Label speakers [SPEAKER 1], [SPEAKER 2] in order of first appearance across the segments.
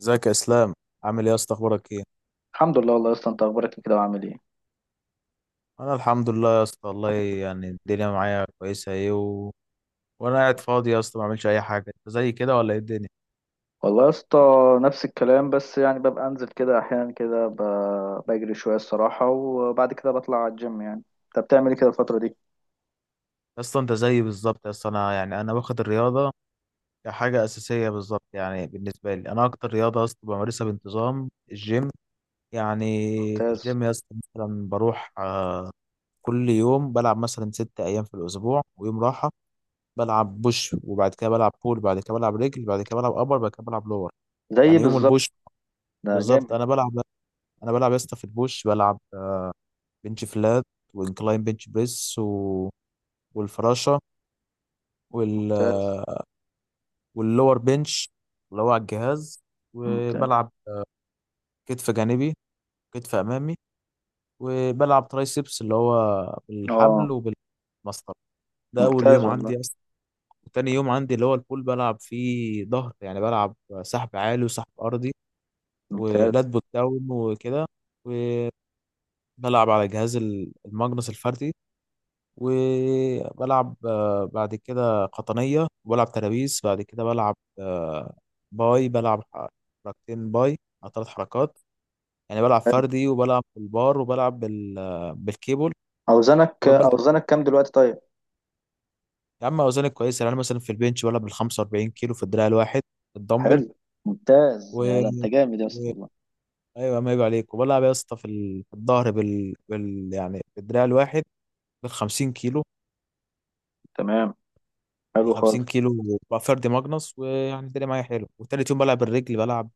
[SPEAKER 1] ازيك يا اسلام، عامل ايه يا اسطى؟ اخبارك ايه؟
[SPEAKER 2] الحمد لله، والله يا اسطى انت اخبارك إيه كده وعامل ايه؟
[SPEAKER 1] انا الحمد لله يا اسطى، والله يعني الدنيا معايا كويسه ايه وانا قاعد فاضي يا اسطى، ما بعملش اي حاجه. انت زي كده ولا ايه الدنيا؟
[SPEAKER 2] والله يا اسطى نفس الكلام، بس يعني ببقى انزل كده احيانا كده بجري شويه الصراحه، وبعد كده بطلع على الجيم يعني. انت بتعمل ايه كده الفتره دي؟
[SPEAKER 1] يا اسطى انت زيي بالظبط يا اسطى، انا يعني انا واخد الرياضه كحاجه اساسيه بالظبط. يعني بالنسبه لي انا اكتر رياضه يا اسطى بمارسها بانتظام الجيم يعني. في
[SPEAKER 2] ممتاز.
[SPEAKER 1] الجيم يا اسطى مثلا بروح، كل يوم بلعب مثلا ست ايام في الاسبوع ويوم راحه. بلعب بوش وبعد كده بلعب بول، بعد كده بلعب رجل، بعد كده بلعب ابر، بعد كده بلعب لور.
[SPEAKER 2] زي
[SPEAKER 1] يعني يوم
[SPEAKER 2] بالظبط.
[SPEAKER 1] البوش
[SPEAKER 2] ده
[SPEAKER 1] بالظبط
[SPEAKER 2] جامد.
[SPEAKER 1] انا بلعب يا اسطى في البوش، بلعب بنش فلات، وانكلاين بنش بريس، والفراشه، وال...
[SPEAKER 2] ممتاز.
[SPEAKER 1] آه، واللور بنش اللي هو على الجهاز.
[SPEAKER 2] ممتاز.
[SPEAKER 1] وبلعب كتف جانبي، كتف امامي، وبلعب ترايسبس اللي هو بالحبل
[SPEAKER 2] اه.
[SPEAKER 1] وبالمسطره. ده اول يوم
[SPEAKER 2] ممتاز والله.
[SPEAKER 1] عندي اصلا. وتاني يوم عندي اللي هو البول بلعب فيه ظهر، يعني بلعب سحب عالي وسحب ارضي،
[SPEAKER 2] ممتاز.
[SPEAKER 1] ولات بوت داون وكده. وبلعب على جهاز الماجنس الفردي، وبلعب بعد كده قطنية، وبلعب ترابيس، بعد كده بلعب باي، بلعب حركتين باي أو ثلاث حركات. يعني بلعب
[SPEAKER 2] حلو.
[SPEAKER 1] فردي وبلعب بالبار وبلعب بالكيبل.
[SPEAKER 2] اوزانك
[SPEAKER 1] وبلعب.
[SPEAKER 2] اوزانك كام دلوقتي طيب؟
[SPEAKER 1] يا عم أوزاني كويسة، يعني أنا مثلا في البنش بلعب بال 45 كيلو في الدراع الواحد، الدمبل.
[SPEAKER 2] حلو. ممتاز.
[SPEAKER 1] و...
[SPEAKER 2] يا ده انت جامد يا اسطى
[SPEAKER 1] و...
[SPEAKER 2] والله.
[SPEAKER 1] أيوة، ما يبقى عليك. وبلعب يا اسطى في الظهر، يعني بالدراع الواحد بال 50 كيلو.
[SPEAKER 2] تمام.
[SPEAKER 1] ال
[SPEAKER 2] حلو خالص.
[SPEAKER 1] 50 كيلو بقى فردي ماجنس، ويعني الدنيا معايا حلو. وتالت يوم بلعب الرجل، بلعب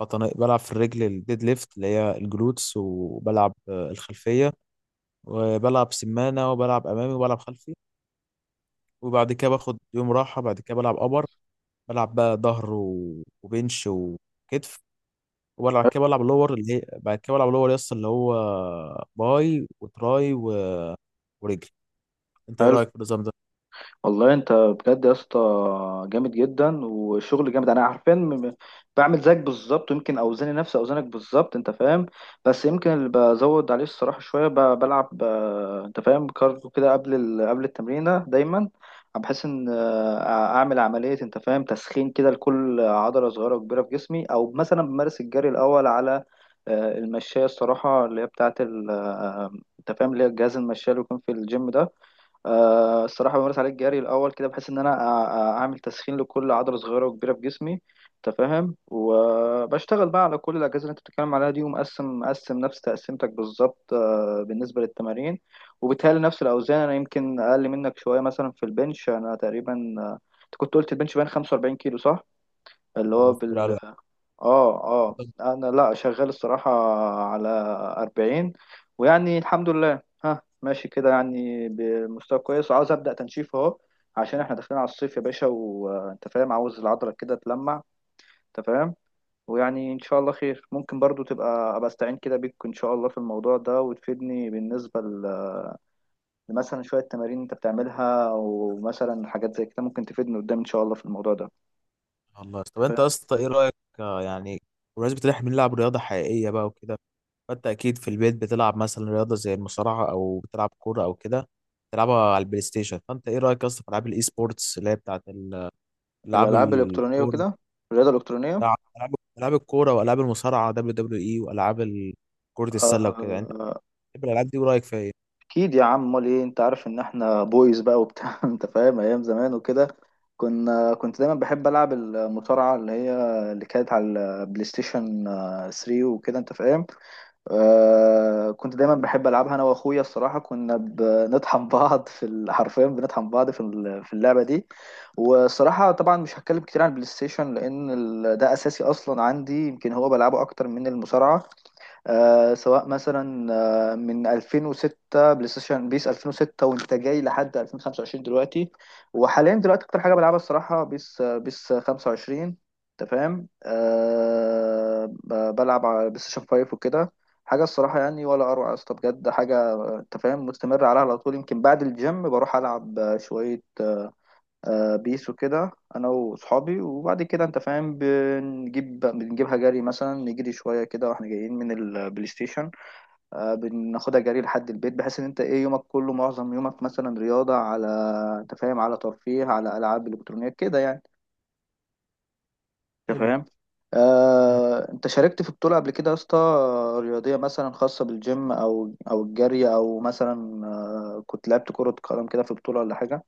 [SPEAKER 1] بطن- بلعب في الرجل الديد ليفت اللي هي الجلوتس، وبلعب الخلفية، وبلعب سمانة، وبلعب أمامي، وبلعب خلفي. وبعد كده باخد يوم راحة. بعد كده بلعب أبر، بلعب بقى ظهر وبنش وكتف. وبلعب كده بلعب لور اللي هي، بعد كده بلعب لور يس اللي هو باي وتراي ورجل. انت ايه
[SPEAKER 2] حلو.
[SPEAKER 1] رأيك في النظام ده؟
[SPEAKER 2] والله انت بجد يا اسطى جامد جدا وشغل جامد. انا عارفين بعمل زيك بالظبط، ويمكن اوزاني نفس اوزانك بالظبط، انت فاهم. بس يمكن اللي بزود عليه الصراحه شويه بلعب، انت فاهم، كارديو كده قبل التمرينه دايما، بحيث ان اعمل عمليه، انت فاهم، تسخين كده لكل عضله صغيره وكبيره في جسمي، او مثلا بمارس الجري الاول على المشاية الصراحة، اللي هي بتاعت ال آه، انت فاهم، اللي هي الجهاز المشاية اللي بيكون في الجيم ده. الصراحة بمارس عليه الجري الأول كده، بحيث إن أنا أعمل تسخين لكل عضلة صغيرة وكبيرة في جسمي. أنت فاهم. وبشتغل بقى على كل الأجهزة اللي أنت بتتكلم عليها دي، ومقسم، نفس تقسيمتك بالظبط، بالنسبة للتمارين. وبتهيألي نفس الأوزان، أنا يمكن أقل منك شوية. مثلا في البنش أنا تقريبا، آه، أنت كنت قلت البنش باين 45 كيلو، صح؟ اللي هو،
[SPEAKER 1] اه، كتير على الوقت.
[SPEAKER 2] اه اه، انا لا شغال الصراحة على 40. ويعني الحمد لله ها، ماشي كده يعني بمستوى كويس، وعاوز أبدأ تنشيف اهو، عشان احنا داخلين على الصيف يا باشا، وانت فاهم عاوز العضلة كده تلمع، انت فاهم. ويعني ان شاء الله خير، ممكن برضو ابقى استعين كده بيك ان شاء الله في الموضوع ده، وتفيدني بالنسبة لمثلا شوية تمارين انت بتعملها، ومثلا حاجات زي كده ممكن تفيدني قدام ان شاء الله في الموضوع ده، انت
[SPEAKER 1] الله، طب انت يا
[SPEAKER 2] فاهم.
[SPEAKER 1] اسطى ايه رأيك، يعني بمناسبة ان احنا بنلعب رياضة حقيقية بقى وكده، فانت اكيد في البيت بتلعب مثلا رياضه زي المصارعه او بتلعب كوره او كده، بتلعبها على البلاي ستيشن. فانت ايه رايك اصلا في العاب الاي سبورتس اللي هي بتاعت العاب
[SPEAKER 2] الألعاب الإلكترونية
[SPEAKER 1] الكوره؟
[SPEAKER 2] وكده. الرياضة الإلكترونية.
[SPEAKER 1] العاب الكوره والعاب المصارعه دبليو دبليو اي والعاب كره السله وكده. انت بتحب الالعاب دي ورايك فيها ايه؟
[SPEAKER 2] اكيد يا عم، امال ايه، انت عارف ان احنا بويز بقى وبتاع انت فاهم، ايام زمان وكده. كنت دايما بحب العب المصارعه، اللي هي اللي كانت على البلاي ستيشن 3 وكده، انت فاهم. كنت دايما بحب العبها انا واخويا الصراحه، كنا بنطحن بعض حرفيا بنطحن بعض في اللعبه دي. والصراحه طبعا مش هتكلم كتير عن البلاي ستيشن، لان ده اساسي اصلا عندي، يمكن هو بلعبه اكتر من المصارعه. سواء مثلا من 2006، بلاي ستيشن بيس 2006 وانت جاي لحد 2025 دلوقتي. وحاليا دلوقتي اكتر حاجه بلعبها الصراحه بيس 25، انت فاهم. بلعب على بلاي ستيشن 5 وكده. حاجه الصراحه، يعني ولا اروع يا اسطى بجد، حاجه، انت فاهم، مستمر عليها على طول، يمكن بعد الجيم بروح العب شويه بيس وكده، انا واصحابي. وبعد كده انت فاهم بنجيبها جري، مثلا نجري شويه كده واحنا جايين من البلاي ستيشن. بناخدها جري لحد البيت، بحيث ان انت ايه يومك كله، معظم يومك مثلا رياضه على، انت فاهم، على ترفيه، على العاب الكترونيه كده يعني، انت
[SPEAKER 1] حلو.
[SPEAKER 2] فاهم.
[SPEAKER 1] مم.
[SPEAKER 2] انت شاركت في بطولة قبل كده يا اسطى؟ رياضية مثلا، خاصة بالجيم او الجري، او مثلا كنت لعبت كرة قدم كده في بطولة ولا حاجة؟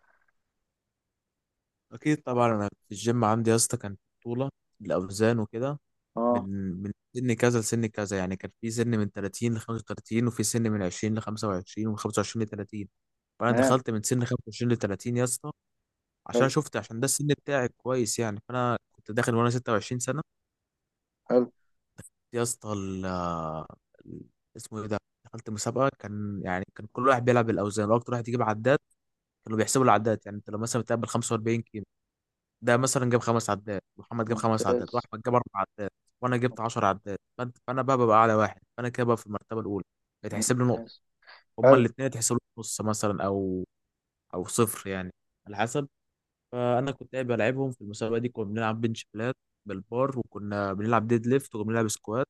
[SPEAKER 1] اكيد طبعا، انا في الجيم عندي يا اسطى كان بطوله الاوزان وكده، من
[SPEAKER 2] اه.
[SPEAKER 1] من سن كذا لسن كذا، يعني كان في سن من 30 ل 35، وفي سن من 20 ل 25، ومن 25 ل 30. فانا
[SPEAKER 2] تمام.
[SPEAKER 1] دخلت من سن 25 ل 30 يا اسطى، عشان
[SPEAKER 2] حلو.
[SPEAKER 1] شفت عشان ده السن بتاعي كويس. يعني فانا كنت داخل وانا 26 سنه
[SPEAKER 2] حلو.
[SPEAKER 1] يا اسطى. ال- اسمه ايه ده، دخلت مسابقه، كان كل واحد بيلعب بالاوزان واكتر واحد يجيب عداد. كانوا بيحسبوا العداد، يعني انت لو مثلا بتقابل 45، ده مثلا جاب خمس عدات، محمد جاب خمس عدات،
[SPEAKER 2] ممتاز.
[SPEAKER 1] واحمد جاب اربع عدات، وانا جبت 10 عدات. فانا بقى ببقى اعلى واحد، فانا كده بقى في المرتبه الاولى، بتحسب لي نقطه.
[SPEAKER 2] ممتاز.
[SPEAKER 1] هما
[SPEAKER 2] حلو.
[SPEAKER 1] الاثنين اتحسبوا لي نص مثلا، او صفر يعني، على حسب. فانا كنت قاعد بلعبهم في المسابقه دي، كنا بنلعب بنش بلات بالبار، وكنا بنلعب ديد ليفت، وكنا بنلعب سكوات،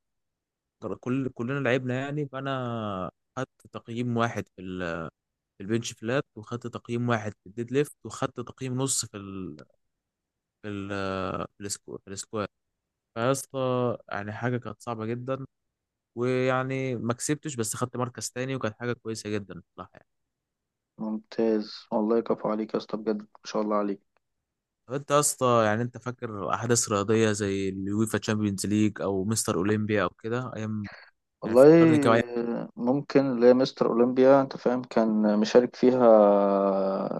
[SPEAKER 1] كلنا لعبنا يعني. فانا خدت تقييم واحد في البنش فلات، وخدت تقييم واحد في الديد ليفت، وخدت تقييم نص في ال... في السكوات. فيا اسطى يعني حاجة كانت صعبة جدا، ويعني ما كسبتش بس خدت مركز تاني، وكانت حاجة كويسة جدا بصراحة يعني.
[SPEAKER 2] ممتاز والله، كفو عليك يا اسطى بجد، ما شاء الله عليك.
[SPEAKER 1] طب انت يا اسطى، يعني انت فاكر أحداث رياضية زي اليويفا تشامبيونز ليج أو مستر أولمبيا أو كده أيام؟ يعني
[SPEAKER 2] والله.
[SPEAKER 1] فكرني كده يعني.
[SPEAKER 2] ممكن، اللي هي مستر اولمبيا، انت فاهم، كان مشارك فيها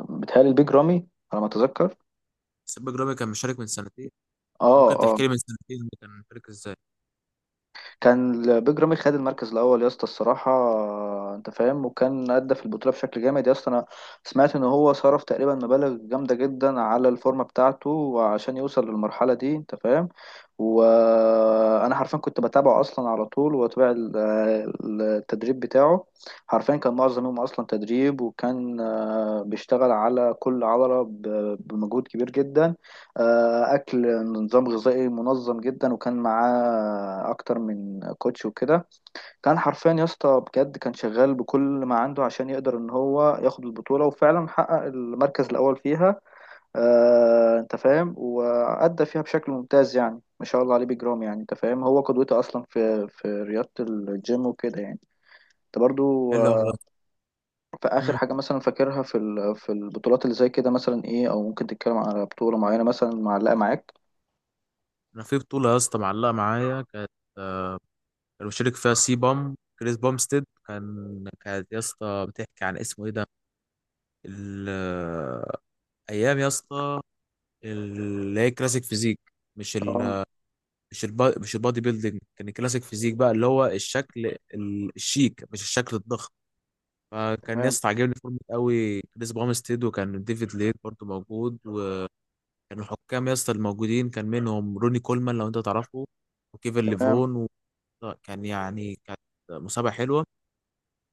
[SPEAKER 2] بتهيألي البيج رامي على ما اتذكر.
[SPEAKER 1] سيب جرامي كان مشارك من سنتين؟
[SPEAKER 2] اه
[SPEAKER 1] ممكن
[SPEAKER 2] آه.
[SPEAKER 1] تحكي لي من سنتين ده كان مشارك ازاي؟
[SPEAKER 2] كان البيج رامي خد المركز الاول يا اسطى الصراحه، انت فاهم. وكان ادى في البطوله بشكل جامد يا اسطى. انا سمعت ان هو صرف تقريبا مبالغ جامده جدا على الفورمه بتاعته عشان يوصل للمرحله دي، انت فاهم. وانا حرفيا كنت بتابعه اصلا على طول، واتابع التدريب بتاعه. حرفيا كان معظم يومه اصلا تدريب، وكان بيشتغل على كل عضله بمجهود كبير جدا. اكل نظام غذائي منظم جدا، وكان معاه اكتر من كوتش وكده. كان حرفيا يا اسطى بجد، كان شغال بكل ما عنده عشان يقدر ان هو ياخد البطوله، وفعلا حقق المركز الاول فيها. انت فاهم، وادى فيها بشكل ممتاز، يعني ما شاء الله عليه بجرام. يعني انت فاهم هو قدوتي اصلا في رياضه الجيم وكده يعني. انت برضو،
[SPEAKER 1] حلو والله.
[SPEAKER 2] في اخر
[SPEAKER 1] امم
[SPEAKER 2] حاجه مثلا فاكرها في البطولات اللي زي كده مثلا ايه، او ممكن تتكلم على بطوله معينه مثلا معلقه معاك؟
[SPEAKER 1] انا في بطولة يا اسطى معلقة معايا، كانت آه، كان مشارك فيها سي بام كريس بامستيد، كانت يا اسطى بتحكي عن اسمه ايه ده، ال- آه، ايام يا اسطى، اللي هي كلاسيك فيزيك. مش ال
[SPEAKER 2] اه
[SPEAKER 1] مش البادي بيلدينج، كان الكلاسيك فيزيك بقى اللي هو الشكل الشيك، مش الشكل الضخم. فكان ناس عاجبني فورمة قوي كريس بامستيد، وكان ديفيد ليت برضو موجود، وكان الحكام يا اسطى الموجودين كان منهم روني كولمان لو انت تعرفه، وكيفن
[SPEAKER 2] تمام.
[SPEAKER 1] ليفرون كانت مسابقة حلوة.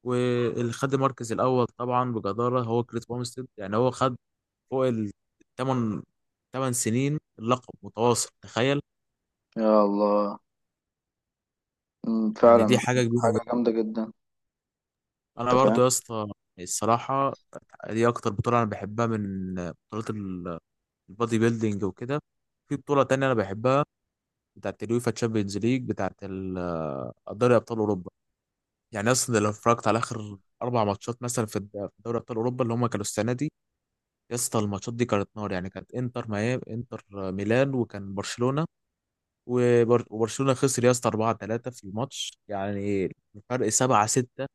[SPEAKER 1] واللي خد المركز الأول طبعا بجدارة هو كريس بامستيد، يعني هو خد فوق الثمان ثمان سنين اللقب متواصل، تخيل!
[SPEAKER 2] يا الله.
[SPEAKER 1] يعني دي
[SPEAKER 2] فعلا،
[SPEAKER 1] حاجة كبيرة
[SPEAKER 2] حاجة
[SPEAKER 1] جدا.
[SPEAKER 2] جامدة جدا،
[SPEAKER 1] أنا
[SPEAKER 2] انت فاهم.
[SPEAKER 1] برضو يا اسطى الصراحة، دي أكتر بطولة أنا بحبها من بطولات البودي بيلدينج وكده. في بطولة تانية أنا بحبها، بتاعة اليوفا تشامبيونز ليج، بتاعة دوري أبطال أوروبا. يعني أصلا لو اتفرجت على آخر أربع ماتشات مثلا في دوري أبطال أوروبا اللي هما كانوا السنة دي، يا اسطى الماتشات دي كانت نار. يعني كانت إنتر ميامي، إنتر ميلان، وكان برشلونة وبرشلونة خسر يا اسطى 4-3 في الماتش، يعني فرق 7-6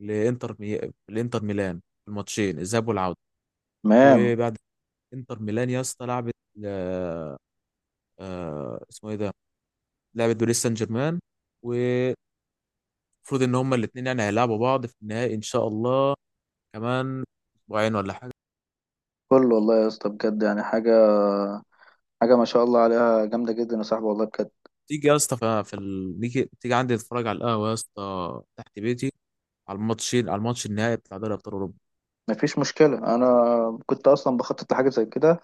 [SPEAKER 1] لانتر مي... لانتر ميلان في الماتشين الذهاب والعوده.
[SPEAKER 2] تمام.
[SPEAKER 1] وبعد، انتر ميلان يا اسطى لعبت آه... اسمه ايه ده، لعبت باريس سان جيرمان. ومفروض ان هما الاثنين يعني هيلعبوا بعض في النهائي ان شاء الله كمان اسبوعين ولا حاجه.
[SPEAKER 2] كل والله يا اسطى بجد، يعني، حاجة ما شاء الله عليها جامدة جدا يا صاحبي والله بجد.
[SPEAKER 1] تيجي يا اسطى، ف- في ال... نيجي تيجي عندي تتفرج على القهوه يا اسطى تحت بيتي، على الماتشين، على الماتش النهائي بتاع دوري ابطال اوروبا.
[SPEAKER 2] مفيش مشكلة. أنا كنت أصلا بخطط لحاجة زي كده،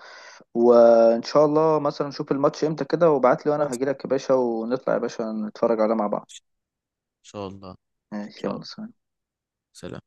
[SPEAKER 2] وإن شاء الله مثلا نشوف الماتش إمتى كده وابعت لي،
[SPEAKER 1] ان
[SPEAKER 2] وأنا هجيلك يا باشا، ونطلع يا باشا نتفرج عليه مع بعض.
[SPEAKER 1] شاء الله، ان
[SPEAKER 2] ماشي،
[SPEAKER 1] شاء
[SPEAKER 2] يلا،
[SPEAKER 1] الله.
[SPEAKER 2] سلام.
[SPEAKER 1] سلام.